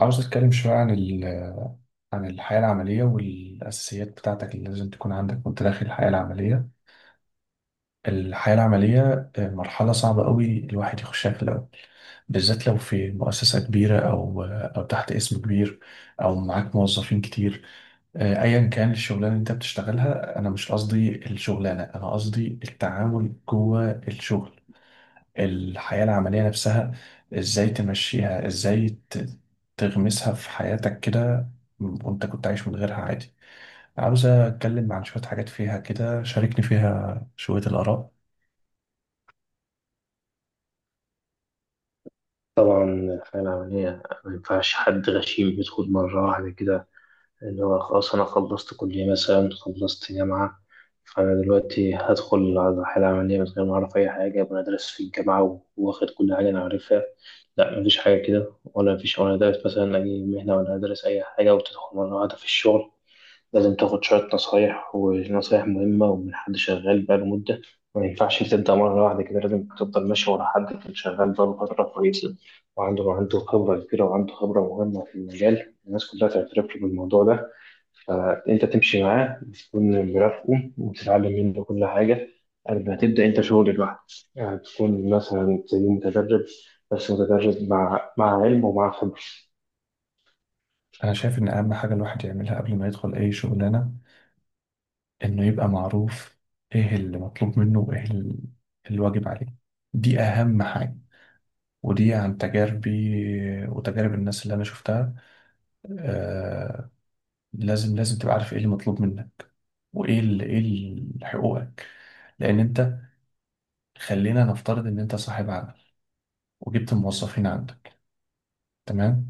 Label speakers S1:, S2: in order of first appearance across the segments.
S1: عاوز أتكلم شوية عن عن الحياة العملية والأساسيات بتاعتك اللي لازم تكون عندك وأنت داخل الحياة العملية. الحياة العملية مرحلة صعبة قوي الواحد يخشها في الأول، بالذات لو في مؤسسة كبيرة أو تحت اسم كبير أو معاك موظفين كتير. أيا كان الشغلانة اللي أنت بتشتغلها، أنا مش قصدي الشغلانة، أنا قصدي التعامل جوه الشغل، الحياة العملية نفسها. ازاي تمشيها، تغمسها في حياتك كده وانت كنت عايش من غيرها عادي. عاوز اتكلم عن شوية حاجات فيها كده، شاركني فيها شوية الآراء.
S2: طبعا الحياة العملية ما ينفعش حد غشيم يدخل مرة واحدة كده، اللي هو خلاص أنا خلصت كلية مثلا، خلصت جامعة، فأنا دلوقتي هدخل على الحياة العملية من غير ما أعرف أي حاجة، وأنا دارس في الجامعة وواخد كل حاجة أنا عارفها. لا، مفيش حاجة كده، ولا مفيش وأنا دارس مثلا أي مهنة ولا دارس أي حاجة وتدخل مرة واحدة في الشغل. لازم تاخد شوية نصايح، ونصايح مهمة، ومن حد شغال بقاله مدة. ما ينفعش تبدأ مرة واحدة كده، لازم تفضل ماشي ورا حد كان شغال بقاله فترة كويسة، وعنده خبرة كبيرة، وعنده خبرة مهمة في المجال، الناس كلها تعترف له بالموضوع ده. فأنت تمشي معاه وتكون مرافقه وتتعلم منه كل حاجة قبل ما تبدأ أنت شغل لوحدك. يعني تكون مثلا زي متدرب، بس متدرب مع علم ومع خبرة.
S1: انا شايف ان اهم حاجة الواحد يعملها قبل ما يدخل اي شغلانة انه يبقى معروف ايه اللي مطلوب منه الواجب عليه. دي اهم حاجة، ودي عن تجاربي وتجارب الناس اللي انا شفتها. آه لازم تبقى عارف ايه اللي مطلوب منك وايه حقوقك. لان انت، خلينا نفترض ان انت صاحب عمل وجبت موظفين عندك، تمام؟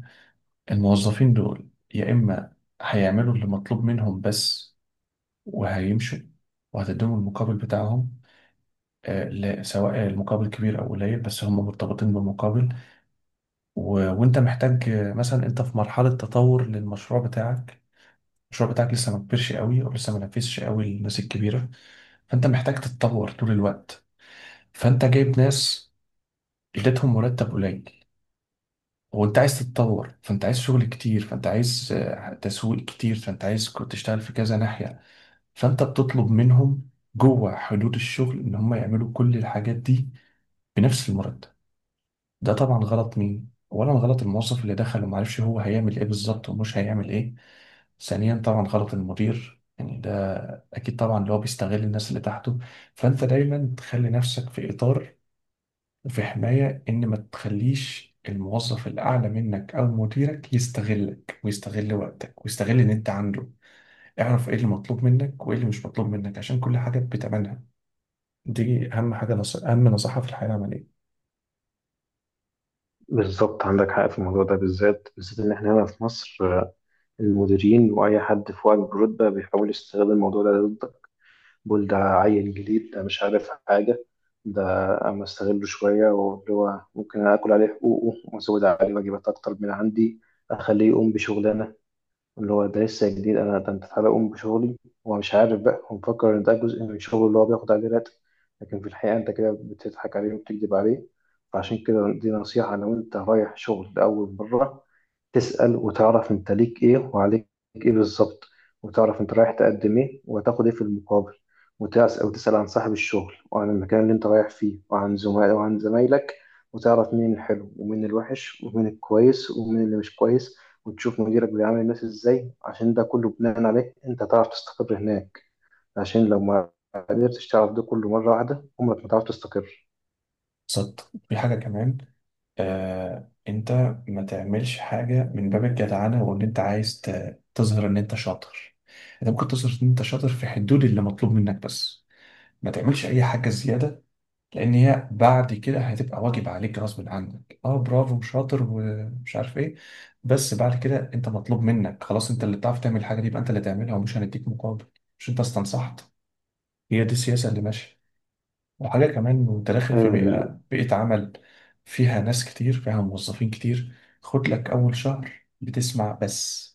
S1: الموظفين دول يا اما هيعملوا اللي مطلوب منهم بس وهيمشوا وهتديهم المقابل بتاعهم. لا، سواء المقابل كبير او قليل، بس هم مرتبطين بمقابل. وانت محتاج، مثلا انت في مرحلة تطور للمشروع بتاعك، المشروع بتاعك لسه ما كبرش قوي او لسه ما نفذش قوي للناس الكبيرة، فانت محتاج تتطور طول الوقت. فانت جايب ناس، اديتهم مرتب قليل وانت عايز تتطور، فانت عايز شغل كتير، فانت عايز تسويق كتير، فانت عايز كنت تشتغل في كذا ناحية، فانت بتطلب منهم جوه حدود الشغل ان هم يعملوا كل الحاجات دي بنفس المرتب. ده طبعا غلط. مين اولا؟ غلط الموظف اللي دخل وما عرفش هو هيعمل ايه بالظبط ومش هيعمل ايه. ثانيا طبعا غلط المدير، يعني ده اكيد طبعا اللي هو بيستغل الناس اللي تحته. فانت دايما تخلي نفسك في اطار وفي حماية، إن ما تخليش الموظف الأعلى منك أو مديرك يستغلك ويستغل وقتك ويستغل إن أنت عنده. اعرف إيه اللي مطلوب منك وإيه اللي مش مطلوب منك، عشان كل حاجة بتمنها. دي أهم حاجة نص... أهم نصيحة في الحياة العملية.
S2: بالظبط، عندك حق في الموضوع ده بالذات، بالذات إن إحنا هنا في مصر المديرين واي حد في وعي برتبه بيحاول يستغل الموضوع ده ضدك. بيقول ده عيل جديد، ده مش عارف حاجه، ده اما استغله شويه، واللي هو ممكن اكل عليه حقوقه وازود عليه واجبات اكتر من عندي، اخليه يقوم بشغلانه اللي هو ده لسه جديد، انا ده انت تعالى قوم بشغلي. هو مش عارف بقى، هو مفكر ان ده جزء من شغله اللي هو بياخد عليه راتب، لكن في الحقيقه انت كده بتضحك عليه وبتكذب عليه. فعشان كده دي نصيحه: لو انت رايح شغل لاول مره، تسأل وتعرف انت ليك ايه وعليك ايه بالظبط، وتعرف انت رايح تقدم ايه وهتاخد ايه في المقابل. وتسأل وتسأل عن صاحب الشغل وعن المكان اللي انت رايح فيه وعن زملاء وعن زمايلك، وتعرف مين الحلو ومين الوحش ومين الكويس ومين اللي مش كويس. وتشوف مديرك بيعامل الناس ازاي، عشان ده كله بناء عليه انت تعرف تستقر هناك. عشان لو ما قدرتش تعرف ده كله مرة واحدة، عمرك ما تعرف تستقر.
S1: صدق، في حاجة كمان. أنت ما تعملش حاجة من باب الجدعنة وإن أنت عايز تظهر إن أنت شاطر. أنت ممكن تظهر إن أنت شاطر في حدود اللي مطلوب منك بس، ما تعملش أي حاجة زيادة، لان هي بعد كده هتبقى واجب عليك غصب عنك. اه، برافو شاطر ومش عارف ايه، بس بعد كده انت مطلوب منك، خلاص انت اللي بتعرف تعمل الحاجه دي يبقى انت اللي تعملها، ومش هنديك مقابل. مش انت استنصحت؟ هي دي السياسه اللي ماشيه. وحاجه كمان، وانت داخل في
S2: أيوة،
S1: بيئه عمل فيها ناس كتير فيها موظفين كتير، خد لك اول شهر بتسمع بس.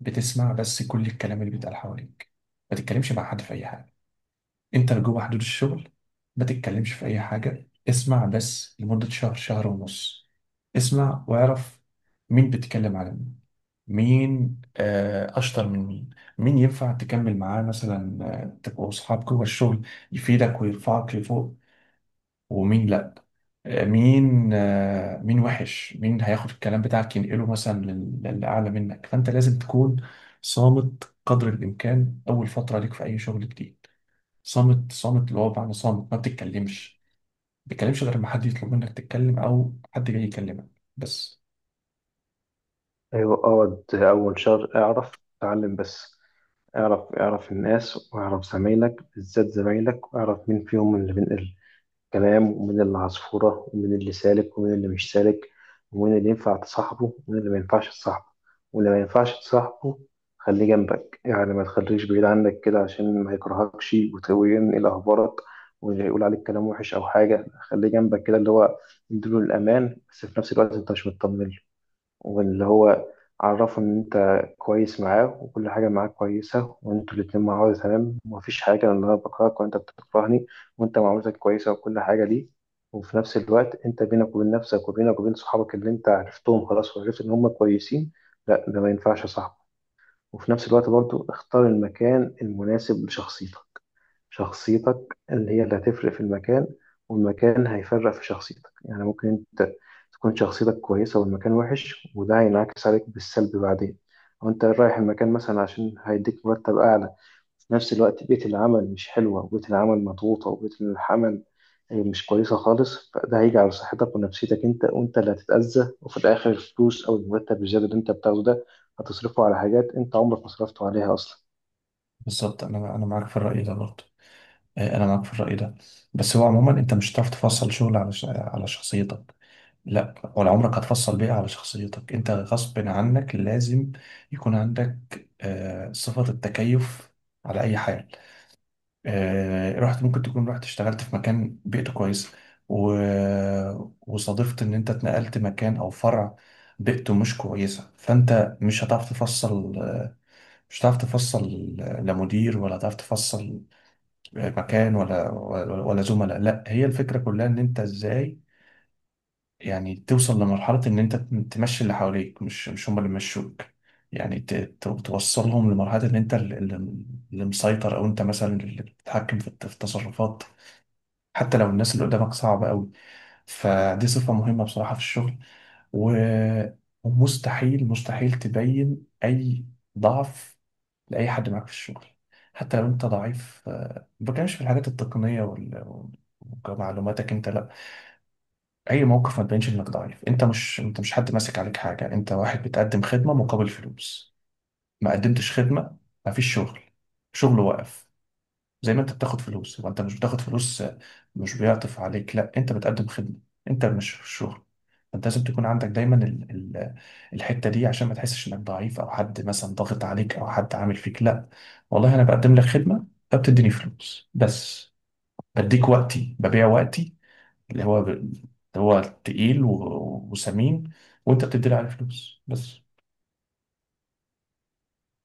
S1: بتسمع بس كل الكلام اللي بيتقال حواليك، ما تتكلمش مع حد في اي حاجه. انت لو جوه حدود الشغل ما تتكلمش في اي حاجه، اسمع بس لمده شهر شهر ونص. اسمع واعرف مين بتتكلم على مين، مين اشطر من مين، مين ينفع تكمل معاه مثلا تبقوا اصحاب جوه الشغل يفيدك ويرفعك لفوق، ومين لا. مين وحش، مين هياخد الكلام بتاعك ينقله مثلا للاعلى منك. فانت لازم تكون صامت قدر الامكان اول فتره ليك في اي شغل جديد. صامت اللي هو بمعنى صامت ما بتتكلمش، ما بتتكلمش غير ما حد يطلب منك تتكلم او حد جاي يكلمك بس.
S2: أيوة، اقعد أول شهر اعرف اتعلم بس. اعرف، اعرف الناس واعرف زمايلك، بالذات زمايلك، واعرف مين فيهم اللي بينقل كلام، ومين اللي عصفورة، ومين اللي سالك ومين اللي مش سالك، ومين اللي ينفع تصاحبه ومين اللي ما ينفعش تصاحبه. واللي ما ينفعش تصاحبه خليه جنبك، يعني ما تخليش بعيد عنك كده، عشان ما يكرهكش وينقل أخبارك ويقول عليك كلام وحش أو حاجة. خليه جنبك كده، اللي هو يديله الأمان، بس في نفس الوقت أنت مش مطمن. واللي هو عرفه إن أنت كويس معاه وكل حاجة معاه كويسة، وأنتوا الاتنين مع بعض تمام، ومفيش حاجة إن أنا بكرهك وأنت بتكرهني، وأنت معاملتك كويسة وكل حاجة ليه، وفي نفس الوقت أنت بينك وبين نفسك وبينك وبين صحابك اللي أنت عرفتهم خلاص وعرفت إن هم كويسين، لا، ده ما ينفعش يا صاحبي. وفي نفس الوقت برضو اختار المكان المناسب لشخصيتك. شخصيتك اللي هي اللي هتفرق في المكان، والمكان هيفرق في شخصيتك. يعني ممكن انت تكون شخصيتك كويسة والمكان وحش، وده هينعكس عليك بالسلب بعدين. او انت رايح المكان مثلا عشان هيديك مرتب اعلى، في نفس الوقت بيئة العمل مش حلوة، وبيئة العمل مضغوطة، وبيئة العمل مش كويسة خالص، فده هيجي على صحتك ونفسيتك انت، وانت اللي هتتأذى، وفي الآخر الفلوس أو المرتب الزيادة اللي انت بتاخده ده هتصرفه على حاجات انت عمرك ما صرفته عليها أصلا.
S1: بالظبط، انا معاك في الرأي ده برضه. انا معاك في الرأي ده، بس هو عموما انت مش هتعرف تفصل شغل على على شخصيتك، لا ولا عمرك هتفصل بيئة على شخصيتك. انت غصب عنك لازم يكون عندك صفة التكيف على اي حاجة. رحت، ممكن تكون رحت اشتغلت في مكان بيئته كويس، و... وصادفت ان انت اتنقلت مكان او فرع بيئته مش كويسة، فانت مش هتعرف تفصل، مش هتعرف تفصل لا مدير، ولا هتعرف تفصل مكان، ولا زملاء. لا، هي الفكرة كلها ان انت ازاي يعني توصل لمرحلة ان انت تمشي اللي حواليك، مش مش هم اللي مشوك. يعني توصلهم لمرحلة ان انت اللي مسيطر، او انت مثلا اللي بتتحكم في في التصرفات، حتى لو الناس اللي قدامك صعبة قوي. فدي صفة مهمة بصراحة في الشغل. و- ومستحيل مستحيل تبين أي ضعف لأي حد معاك في الشغل. حتى لو أنت ضعيف، ما بتكلمش في الحاجات التقنية ومعلوماتك أنت، لا، أي موقف ما تبينش إنك ضعيف. أنت مش، أنت مش حد ماسك عليك حاجة، أنت واحد بتقدم خدمة مقابل فلوس. ما قدمتش خدمة ما فيش شغل، شغل واقف. زي ما انت بتاخد فلوس، وانت مش بتاخد فلوس مش بيعطف عليك، لا، انت بتقدم خدمة، انت مش في الشغل. انت لازم تكون عندك دايما ال الحتة دي عشان ما تحسش انك ضعيف او حد مثلا ضاغط عليك او حد عامل فيك. لا، والله انا بقدم لك خدمة فبتديني فلوس بس، بديك وقتي، ببيع وقتي اللي هو اللي هو تقيل وسمين، وانت بتدي لي عليه فلوس بس.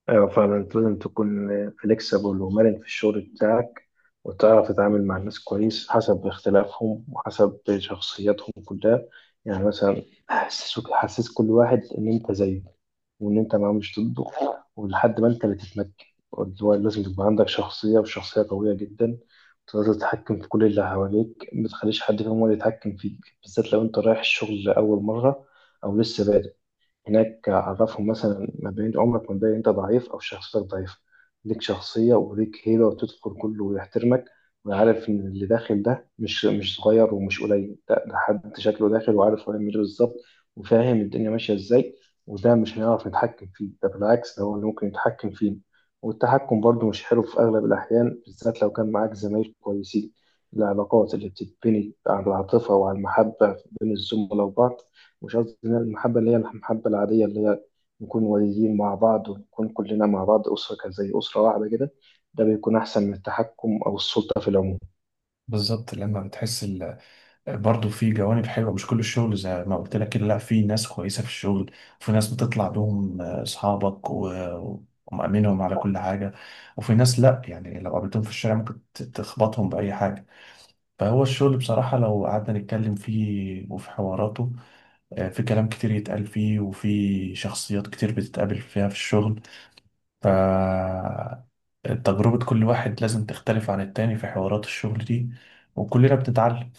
S2: ايوه فعلا، انت لازم تكون فليكسبل ومرن في الشغل بتاعك، وتعرف تتعامل مع الناس كويس حسب اختلافهم وحسب شخصياتهم كلها. يعني مثلا حسسك، حسس كل واحد ان انت زيه وان انت ما مش ضده، ولحد ما انت اللي تتمكن، اللي هو لازم تبقى عندك شخصية، وشخصية قوية جدا، تقدر تتحكم في كل اللي حواليك. ما تخليش حد فيهم هو اللي يتحكم فيك، بالذات لو انت رايح الشغل لأول مرة او لسه بادئ هناك. عرفهم مثلا ما بين، عمرك ما تبين انت ضعيف او شخصيتك ضعيفه. ليك شخصيه وليك هيبه وتدخل كله ويحترمك، ويعرف ان اللي داخل ده مش صغير ومش قليل ده, ده حد شكله داخل وعارف هو يعمل ايه بالظبط وفاهم الدنيا ماشيه ازاي. وده مش هنعرف نتحكم فيه، ده بالعكس ده هو اللي ممكن يتحكم فيه. والتحكم برضه مش حلو في اغلب الاحيان، بالذات لو كان معاك زمايل كويسين. العلاقات اللي بتتبني على العاطفه وعلى المحبه بين الزملاء وبعض، مش قصدي المحبة اللي هي المحبة العادية، اللي هي نكون والدين مع بعض ونكون كلنا مع بعض أسرة كده- زي أسرة واحدة كده، ده بيكون أحسن من التحكم أو السلطة في العموم.
S1: بالظبط، لما بتحس ال، برضه في جوانب حلوه، مش كل الشغل زي ما قلت لك كده، لا، في ناس كويسه في الشغل وفي ناس بتطلع بهم اصحابك ومأمنهم على كل حاجه، وفي ناس لا، يعني لو قابلتهم في الشارع ممكن تخبطهم باي حاجه. فهو الشغل بصراحه لو قعدنا نتكلم فيه وفي حواراته، في كلام كتير يتقال فيه وفي شخصيات كتير بتتقابل فيها في الشغل. ف تجربة كل واحد لازم تختلف عن التاني في حوارات الشغل دي، وكلنا بنتعلم.